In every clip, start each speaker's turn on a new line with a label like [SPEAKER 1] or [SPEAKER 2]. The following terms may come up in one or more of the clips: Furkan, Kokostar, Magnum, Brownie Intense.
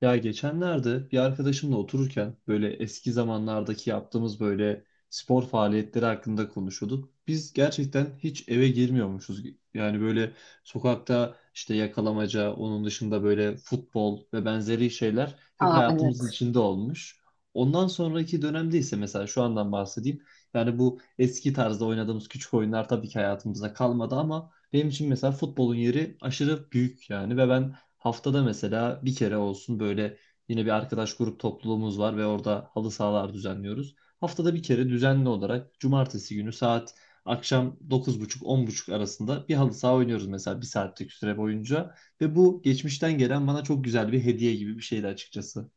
[SPEAKER 1] Ya geçenlerde bir arkadaşımla otururken böyle eski zamanlardaki yaptığımız böyle spor faaliyetleri hakkında konuşuyorduk. Biz gerçekten hiç eve girmiyormuşuz. Yani böyle sokakta işte yakalamaca, onun dışında böyle futbol ve benzeri şeyler hep
[SPEAKER 2] Aa,
[SPEAKER 1] hayatımızın
[SPEAKER 2] evet.
[SPEAKER 1] içinde olmuş. Ondan sonraki dönemde ise mesela şu andan bahsedeyim. Yani bu eski tarzda oynadığımız küçük oyunlar tabii ki hayatımıza kalmadı, ama benim için mesela futbolun yeri aşırı büyük yani. Ve ben... Haftada mesela bir kere olsun, böyle yine bir arkadaş grup topluluğumuz var ve orada halı sahalar düzenliyoruz. Haftada bir kere düzenli olarak cumartesi günü saat akşam 21.30-22.30 arasında bir halı saha oynuyoruz mesela, bir saatlik süre boyunca. Ve bu geçmişten gelen bana çok güzel bir hediye gibi bir şeydi açıkçası.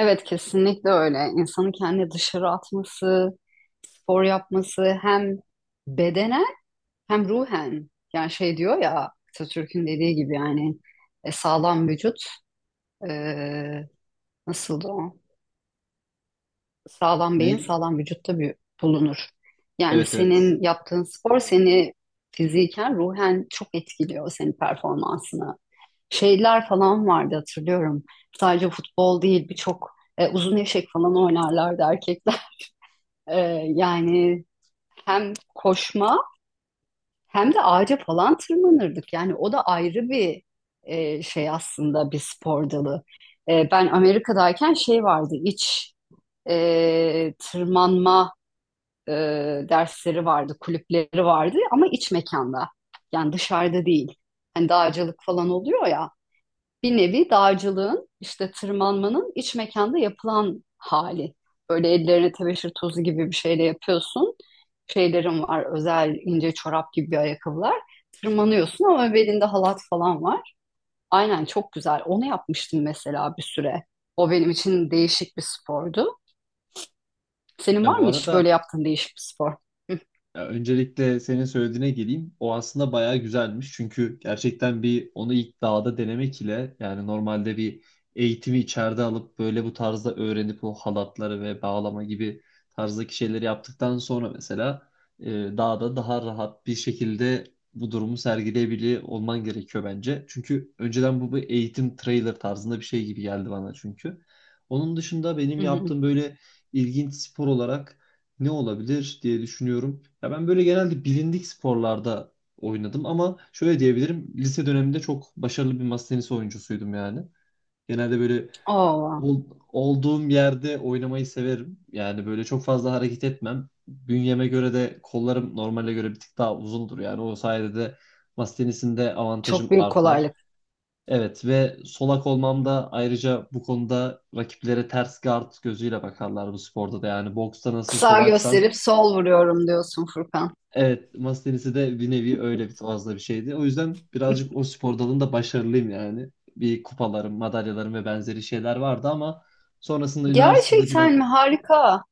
[SPEAKER 2] Evet kesinlikle öyle. İnsanın kendini dışarı atması, spor yapması hem bedenen hem ruhen. Yani şey diyor ya, Atatürk'ün dediği gibi, yani sağlam vücut e, nasıldı o? Sağlam beyin
[SPEAKER 1] Ne?
[SPEAKER 2] sağlam vücutta bir bulunur. Yani
[SPEAKER 1] Evet, evet.
[SPEAKER 2] senin yaptığın spor seni fiziken, ruhen çok etkiliyor, senin performansını. Şeyler falan vardı, hatırlıyorum. Sadece futbol değil, birçok uzun eşek falan oynarlardı erkekler. E, yani hem koşma hem de ağaca falan tırmanırdık. Yani o da ayrı bir şey, aslında bir spor dalı. Ben Amerika'dayken şey vardı, iç tırmanma e, dersleri vardı, kulüpleri vardı, ama iç mekanda. Yani dışarıda değil. Hani dağcılık falan oluyor ya. Bir nevi dağcılığın, işte tırmanmanın iç mekanda yapılan hali. Böyle ellerine tebeşir tozu gibi bir şeyle yapıyorsun. Şeylerin var, özel ince çorap gibi bir ayakkabılar. Tırmanıyorsun ama belinde halat falan var. Aynen, çok güzel. Onu yapmıştım mesela bir süre. O benim için değişik bir spordu. Senin
[SPEAKER 1] Ya,
[SPEAKER 2] var
[SPEAKER 1] bu
[SPEAKER 2] mı hiç böyle
[SPEAKER 1] arada...
[SPEAKER 2] yaptığın değişik bir spor?
[SPEAKER 1] Ya, öncelikle senin söylediğine geleyim. O aslında bayağı güzelmiş. Çünkü gerçekten bir onu ilk dağda denemek ile, yani normalde bir eğitimi içeride alıp böyle bu tarzda öğrenip o halatları ve bağlama gibi tarzdaki şeyleri yaptıktan sonra mesela dağda daha rahat bir şekilde bu durumu sergileyebiliyor olman gerekiyor bence. Çünkü önceden bu bir eğitim trailer tarzında bir şey gibi geldi bana çünkü. Onun dışında benim
[SPEAKER 2] Hı hı.
[SPEAKER 1] yaptığım böyle ilginç spor olarak ne olabilir diye düşünüyorum. Ya ben böyle genelde bilindik sporlarda oynadım, ama şöyle diyebilirim. Lise döneminde çok başarılı bir masa tenisi oyuncusuydum yani. Genelde böyle
[SPEAKER 2] Oo,
[SPEAKER 1] ol- olduğum yerde oynamayı severim. Yani böyle çok fazla hareket etmem. Bünyeme göre de kollarım normale göre bir tık daha uzundur. Yani o sayede de masa tenisinde avantajım
[SPEAKER 2] çok büyük
[SPEAKER 1] artar.
[SPEAKER 2] kolaylık.
[SPEAKER 1] Evet, ve solak olmam da ayrıca bu konuda rakiplere ters guard gözüyle bakarlar bu sporda da. Yani boksta nasıl
[SPEAKER 2] Sağ
[SPEAKER 1] solaksan...
[SPEAKER 2] gösterip sol vuruyorum diyorsun Furkan.
[SPEAKER 1] Evet, masa tenisi de bir nevi öyle bir fazla bir şeydi. O yüzden birazcık o spor dalında başarılıyım yani. Bir kupalarım, madalyalarım ve benzeri şeyler vardı, ama sonrasında üniversitede biraz...
[SPEAKER 2] Gerçekten mi? Harika.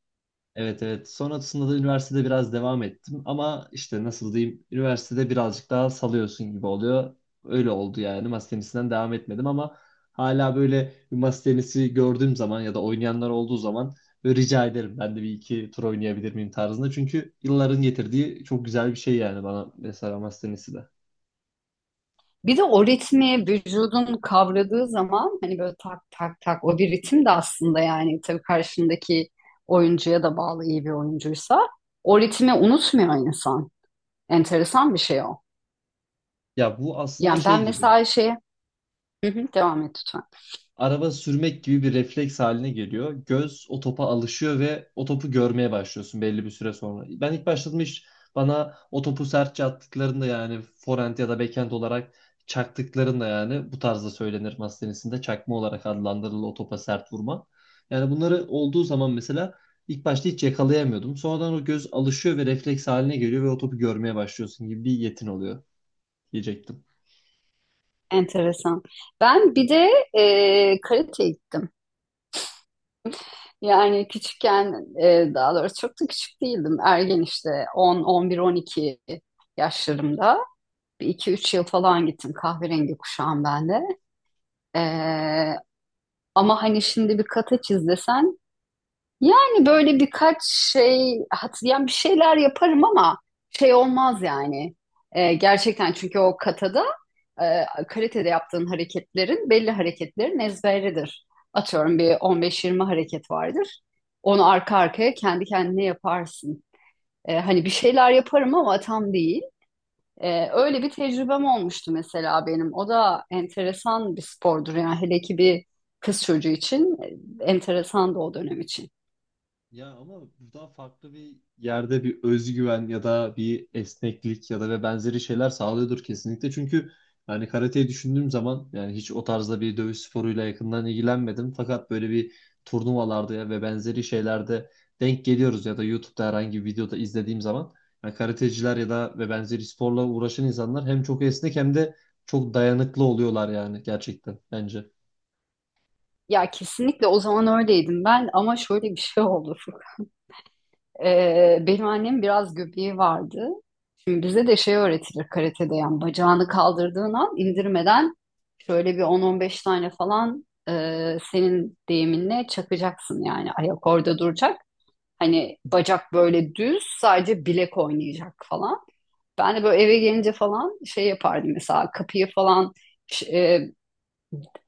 [SPEAKER 1] Evet, evet. Sonrasında da üniversitede biraz devam ettim, ama işte nasıl diyeyim, üniversitede birazcık daha salıyorsun gibi oluyor. Öyle oldu yani. Masa tenisinden devam etmedim, ama hala böyle bir masa tenisi gördüğüm zaman ya da oynayanlar olduğu zaman böyle rica ederim, ben de bir iki tur oynayabilir miyim tarzında. Çünkü yılların getirdiği çok güzel bir şey yani bana mesela masa tenisi de.
[SPEAKER 2] Bir de o ritmi vücudun kavradığı zaman, hani böyle tak tak tak, o bir ritim de aslında, yani tabii karşındaki oyuncuya da bağlı, iyi bir oyuncuysa o ritmi unutmuyor insan. Enteresan bir şey o.
[SPEAKER 1] Ya bu aslında
[SPEAKER 2] Yani
[SPEAKER 1] şey
[SPEAKER 2] ben
[SPEAKER 1] gibi,
[SPEAKER 2] mesela şey. Hı hı, devam et lütfen.
[SPEAKER 1] araba sürmek gibi bir refleks haline geliyor. Göz o topa alışıyor ve o topu görmeye başlıyorsun belli bir süre sonra. Ben ilk başladığım iş, bana o topu sertçe attıklarında, yani forehand ya da backhand olarak çaktıklarında, yani bu tarzda söylenir masa tenisinde, çakma olarak adlandırılır o topa sert vurma. Yani bunları olduğu zaman mesela ilk başta hiç yakalayamıyordum. Sonradan o göz alışıyor ve refleks haline geliyor ve o topu görmeye başlıyorsun, gibi bir yetin oluyor diyecektim.
[SPEAKER 2] Enteresan. Ben bir de karate gittim. Yani küçükken, daha doğrusu çok da küçük değildim. Ergen işte, 10, 11, 12 yaşlarımda. Bir iki üç yıl falan gittim, kahverengi kuşağım ben de. E, ama hani şimdi bir kateç izlesen, yani böyle birkaç şey hatırlayan bir şeyler yaparım ama şey olmaz yani. Gerçekten çünkü o katada kalitede yaptığın hareketlerin, belli hareketlerin ezberidir. Atıyorum bir 15-20 hareket vardır. Onu arka arkaya kendi kendine yaparsın. Hani bir şeyler yaparım ama tam değil. Öyle bir tecrübem olmuştu mesela benim. O da enteresan bir spordur, yani hele ki bir kız çocuğu için enteresan da, o dönem için.
[SPEAKER 1] Ya ama burada farklı bir yerde bir özgüven ya da bir esneklik ya da ve benzeri şeyler sağlıyordur kesinlikle. Çünkü yani karateyi düşündüğüm zaman, yani hiç o tarzda bir dövüş sporuyla yakından ilgilenmedim. Fakat böyle bir turnuvalarda ya ve benzeri şeylerde denk geliyoruz ya da YouTube'da herhangi bir videoda izlediğim zaman, yani karateciler ya da ve benzeri sporla uğraşan insanlar hem çok esnek hem de çok dayanıklı oluyorlar yani, gerçekten bence.
[SPEAKER 2] Ya kesinlikle o zaman öyleydim ben, ama şöyle bir şey oldu. Furkan. Benim annem biraz göbeği vardı. Şimdi bize de şey öğretilir karatede, yani bacağını kaldırdığın an indirmeden şöyle bir 10-15 tane falan, senin deyiminle çakacaksın, yani ayak orada duracak. Hani bacak böyle düz, sadece bilek oynayacak falan. Ben de böyle eve gelince falan şey yapardım, mesela kapıyı falan ş- e,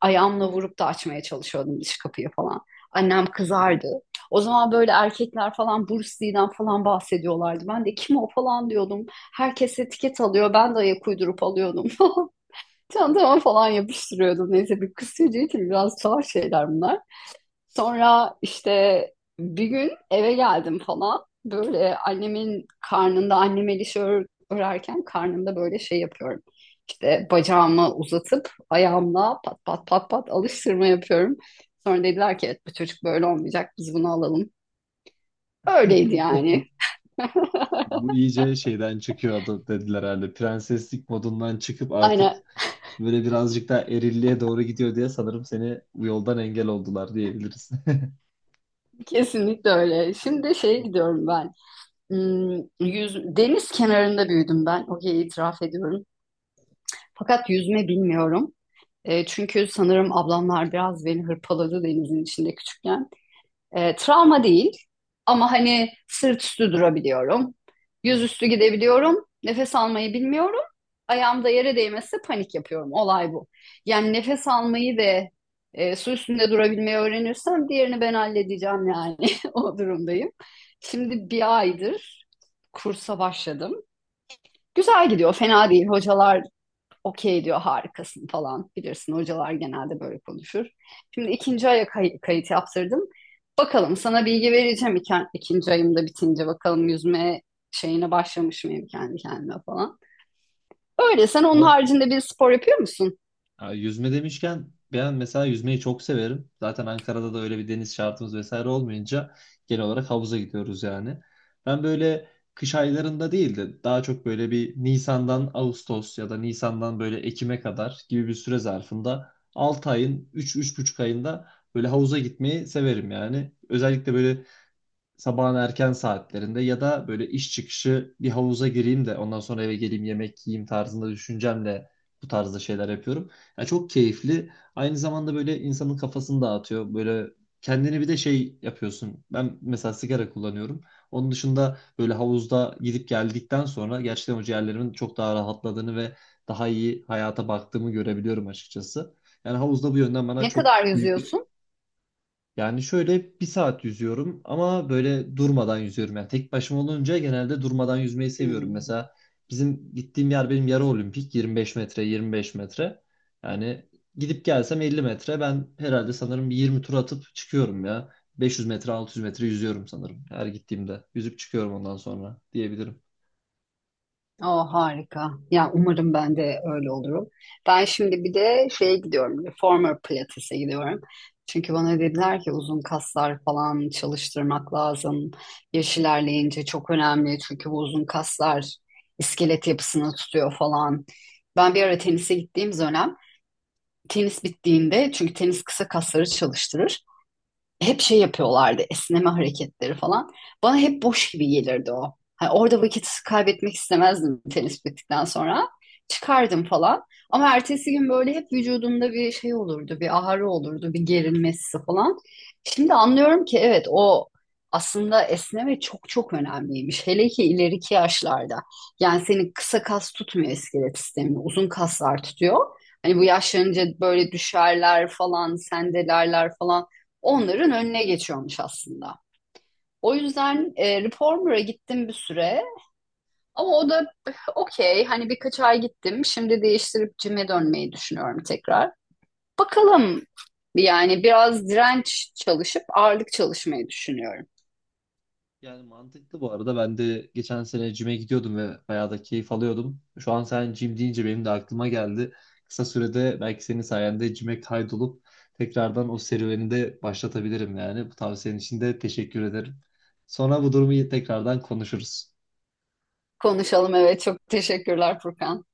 [SPEAKER 2] ayağımla vurup da açmaya çalışıyordum, dış kapıyı falan. Annem kızardı. O zaman böyle erkekler falan Bruce Lee'den falan bahsediyorlardı. Ben de kim o falan diyordum. Herkes etiket alıyor. Ben de ayak uydurup alıyordum. falan. Çantama falan yapıştırıyordum. Neyse, bir kız çocuğu için biraz tuhaf şeyler bunlar. Sonra işte bir gün eve geldim falan. Böyle annemin karnında, annem el işi örerken, karnımda böyle şey yapıyorum. İşte bacağımı uzatıp ayağımla pat pat pat pat alıştırma yapıyorum. Sonra dediler ki evet, bu çocuk böyle olmayacak, biz bunu alalım. Öyleydi yani.
[SPEAKER 1] Bu iyice şeyden çıkıyor adı dediler herhalde. Prenseslik modundan çıkıp artık
[SPEAKER 2] Aynen,
[SPEAKER 1] böyle birazcık daha erilliğe doğru gidiyor diye sanırım seni bu yoldan engel oldular diyebiliriz.
[SPEAKER 2] kesinlikle öyle. Şimdi şeye gidiyorum ben. Hmm, yüz, deniz kenarında büyüdüm ben. Okey, itiraf ediyorum. Fakat yüzme bilmiyorum. Çünkü sanırım ablamlar biraz beni hırpaladı denizin içinde küçükken. Travma değil, ama hani sırt üstü durabiliyorum. Yüzüstü gidebiliyorum. Nefes almayı bilmiyorum. Ayağımda yere değmezse panik yapıyorum. Olay bu. Yani nefes almayı ve su üstünde durabilmeyi öğrenirsem, diğerini ben halledeceğim yani. O durumdayım. Şimdi bir aydır kursa başladım. Güzel gidiyor, fena değil. Hocalar okey diyor, harikasın falan. Bilirsin, hocalar genelde böyle konuşur. Şimdi ikinci aya kayıt yaptırdım. Bakalım, sana bilgi vereceğim iken, ikinci ayım da bitince bakalım yüzme şeyine başlamış mıyım kendi kendime falan. Öyle, sen onun
[SPEAKER 1] Bu
[SPEAKER 2] haricinde bir spor yapıyor musun?
[SPEAKER 1] Ya, yüzme demişken, ben mesela yüzmeyi çok severim. Zaten Ankara'da da öyle bir deniz şartımız vesaire olmayınca genel olarak havuza gidiyoruz yani. Ben böyle kış aylarında değil de daha çok böyle bir Nisan'dan Ağustos ya da Nisan'dan böyle Ekim'e kadar gibi bir süre zarfında 6 ayın 3-3,5 ayında böyle havuza gitmeyi severim yani. Özellikle böyle sabahın erken saatlerinde ya da böyle iş çıkışı bir havuza gireyim de ondan sonra eve geleyim, yemek yiyeyim tarzında düşüncemle bu tarzda şeyler yapıyorum. Yani çok keyifli. Aynı zamanda böyle insanın kafasını dağıtıyor. Böyle kendini bir de şey yapıyorsun. Ben mesela sigara kullanıyorum. Onun dışında böyle havuzda gidip geldikten sonra gerçekten o ciğerlerimin çok daha rahatladığını ve daha iyi hayata baktığımı görebiliyorum açıkçası. Yani havuzda bu yönden bana
[SPEAKER 2] Ne
[SPEAKER 1] çok
[SPEAKER 2] kadar
[SPEAKER 1] büyük bir...
[SPEAKER 2] yüzüyorsun?
[SPEAKER 1] Yani şöyle bir saat yüzüyorum, ama böyle durmadan yüzüyorum. Yani tek başıma olunca genelde durmadan yüzmeyi seviyorum.
[SPEAKER 2] Hmm.
[SPEAKER 1] Mesela bizim gittiğim yer benim yarı olimpik, 25 metre, 25 metre. Yani gidip gelsem 50 metre, ben herhalde sanırım bir 20 tur atıp çıkıyorum ya. 500 metre, 600 metre yüzüyorum sanırım her gittiğimde. Yüzüp çıkıyorum ondan sonra diyebilirim.
[SPEAKER 2] O harika. Ya umarım ben de öyle olurum. Ben şimdi bir de şeye gidiyorum. Reformer Pilates'e gidiyorum. Çünkü bana dediler ki uzun kaslar falan çalıştırmak lazım. Yaş ilerleyince çok önemli. Çünkü bu uzun kaslar iskelet yapısını tutuyor falan. Ben bir ara tenise gittiğim dönem, tenis bittiğinde, çünkü tenis kısa kasları çalıştırır, hep şey yapıyorlardı, esneme hareketleri falan. Bana hep boş gibi gelirdi o. Hani orada vakit kaybetmek istemezdim tenis bittikten sonra. Çıkardım falan. Ama ertesi gün böyle hep vücudumda bir şey olurdu, bir ağrı olurdu, bir gerilmesi falan. Şimdi anlıyorum ki evet, o aslında esneme çok çok önemliymiş. Hele ki ileriki yaşlarda. Yani senin kısa kas tutmuyor iskelet sistemini, uzun kaslar tutuyor. Hani bu yaşlanınca böyle düşerler falan, sendelerler falan, onların önüne geçiyormuş aslında. O yüzden Reformer'a gittim bir süre, ama o da eh, okey, hani birkaç ay gittim. Şimdi değiştirip cime dönmeyi düşünüyorum tekrar. Bakalım, yani biraz direnç çalışıp ağırlık çalışmayı düşünüyorum.
[SPEAKER 1] Yani mantıklı bu arada. Ben de geçen sene cime gidiyordum ve bayağı da keyif alıyordum. Şu an sen cim deyince benim de aklıma geldi. Kısa sürede belki senin sayende cime kaydolup tekrardan o serüveni de başlatabilirim yani. Bu tavsiyenin için de teşekkür ederim. Sonra bu durumu tekrardan konuşuruz.
[SPEAKER 2] Konuşalım, evet çok teşekkürler Furkan.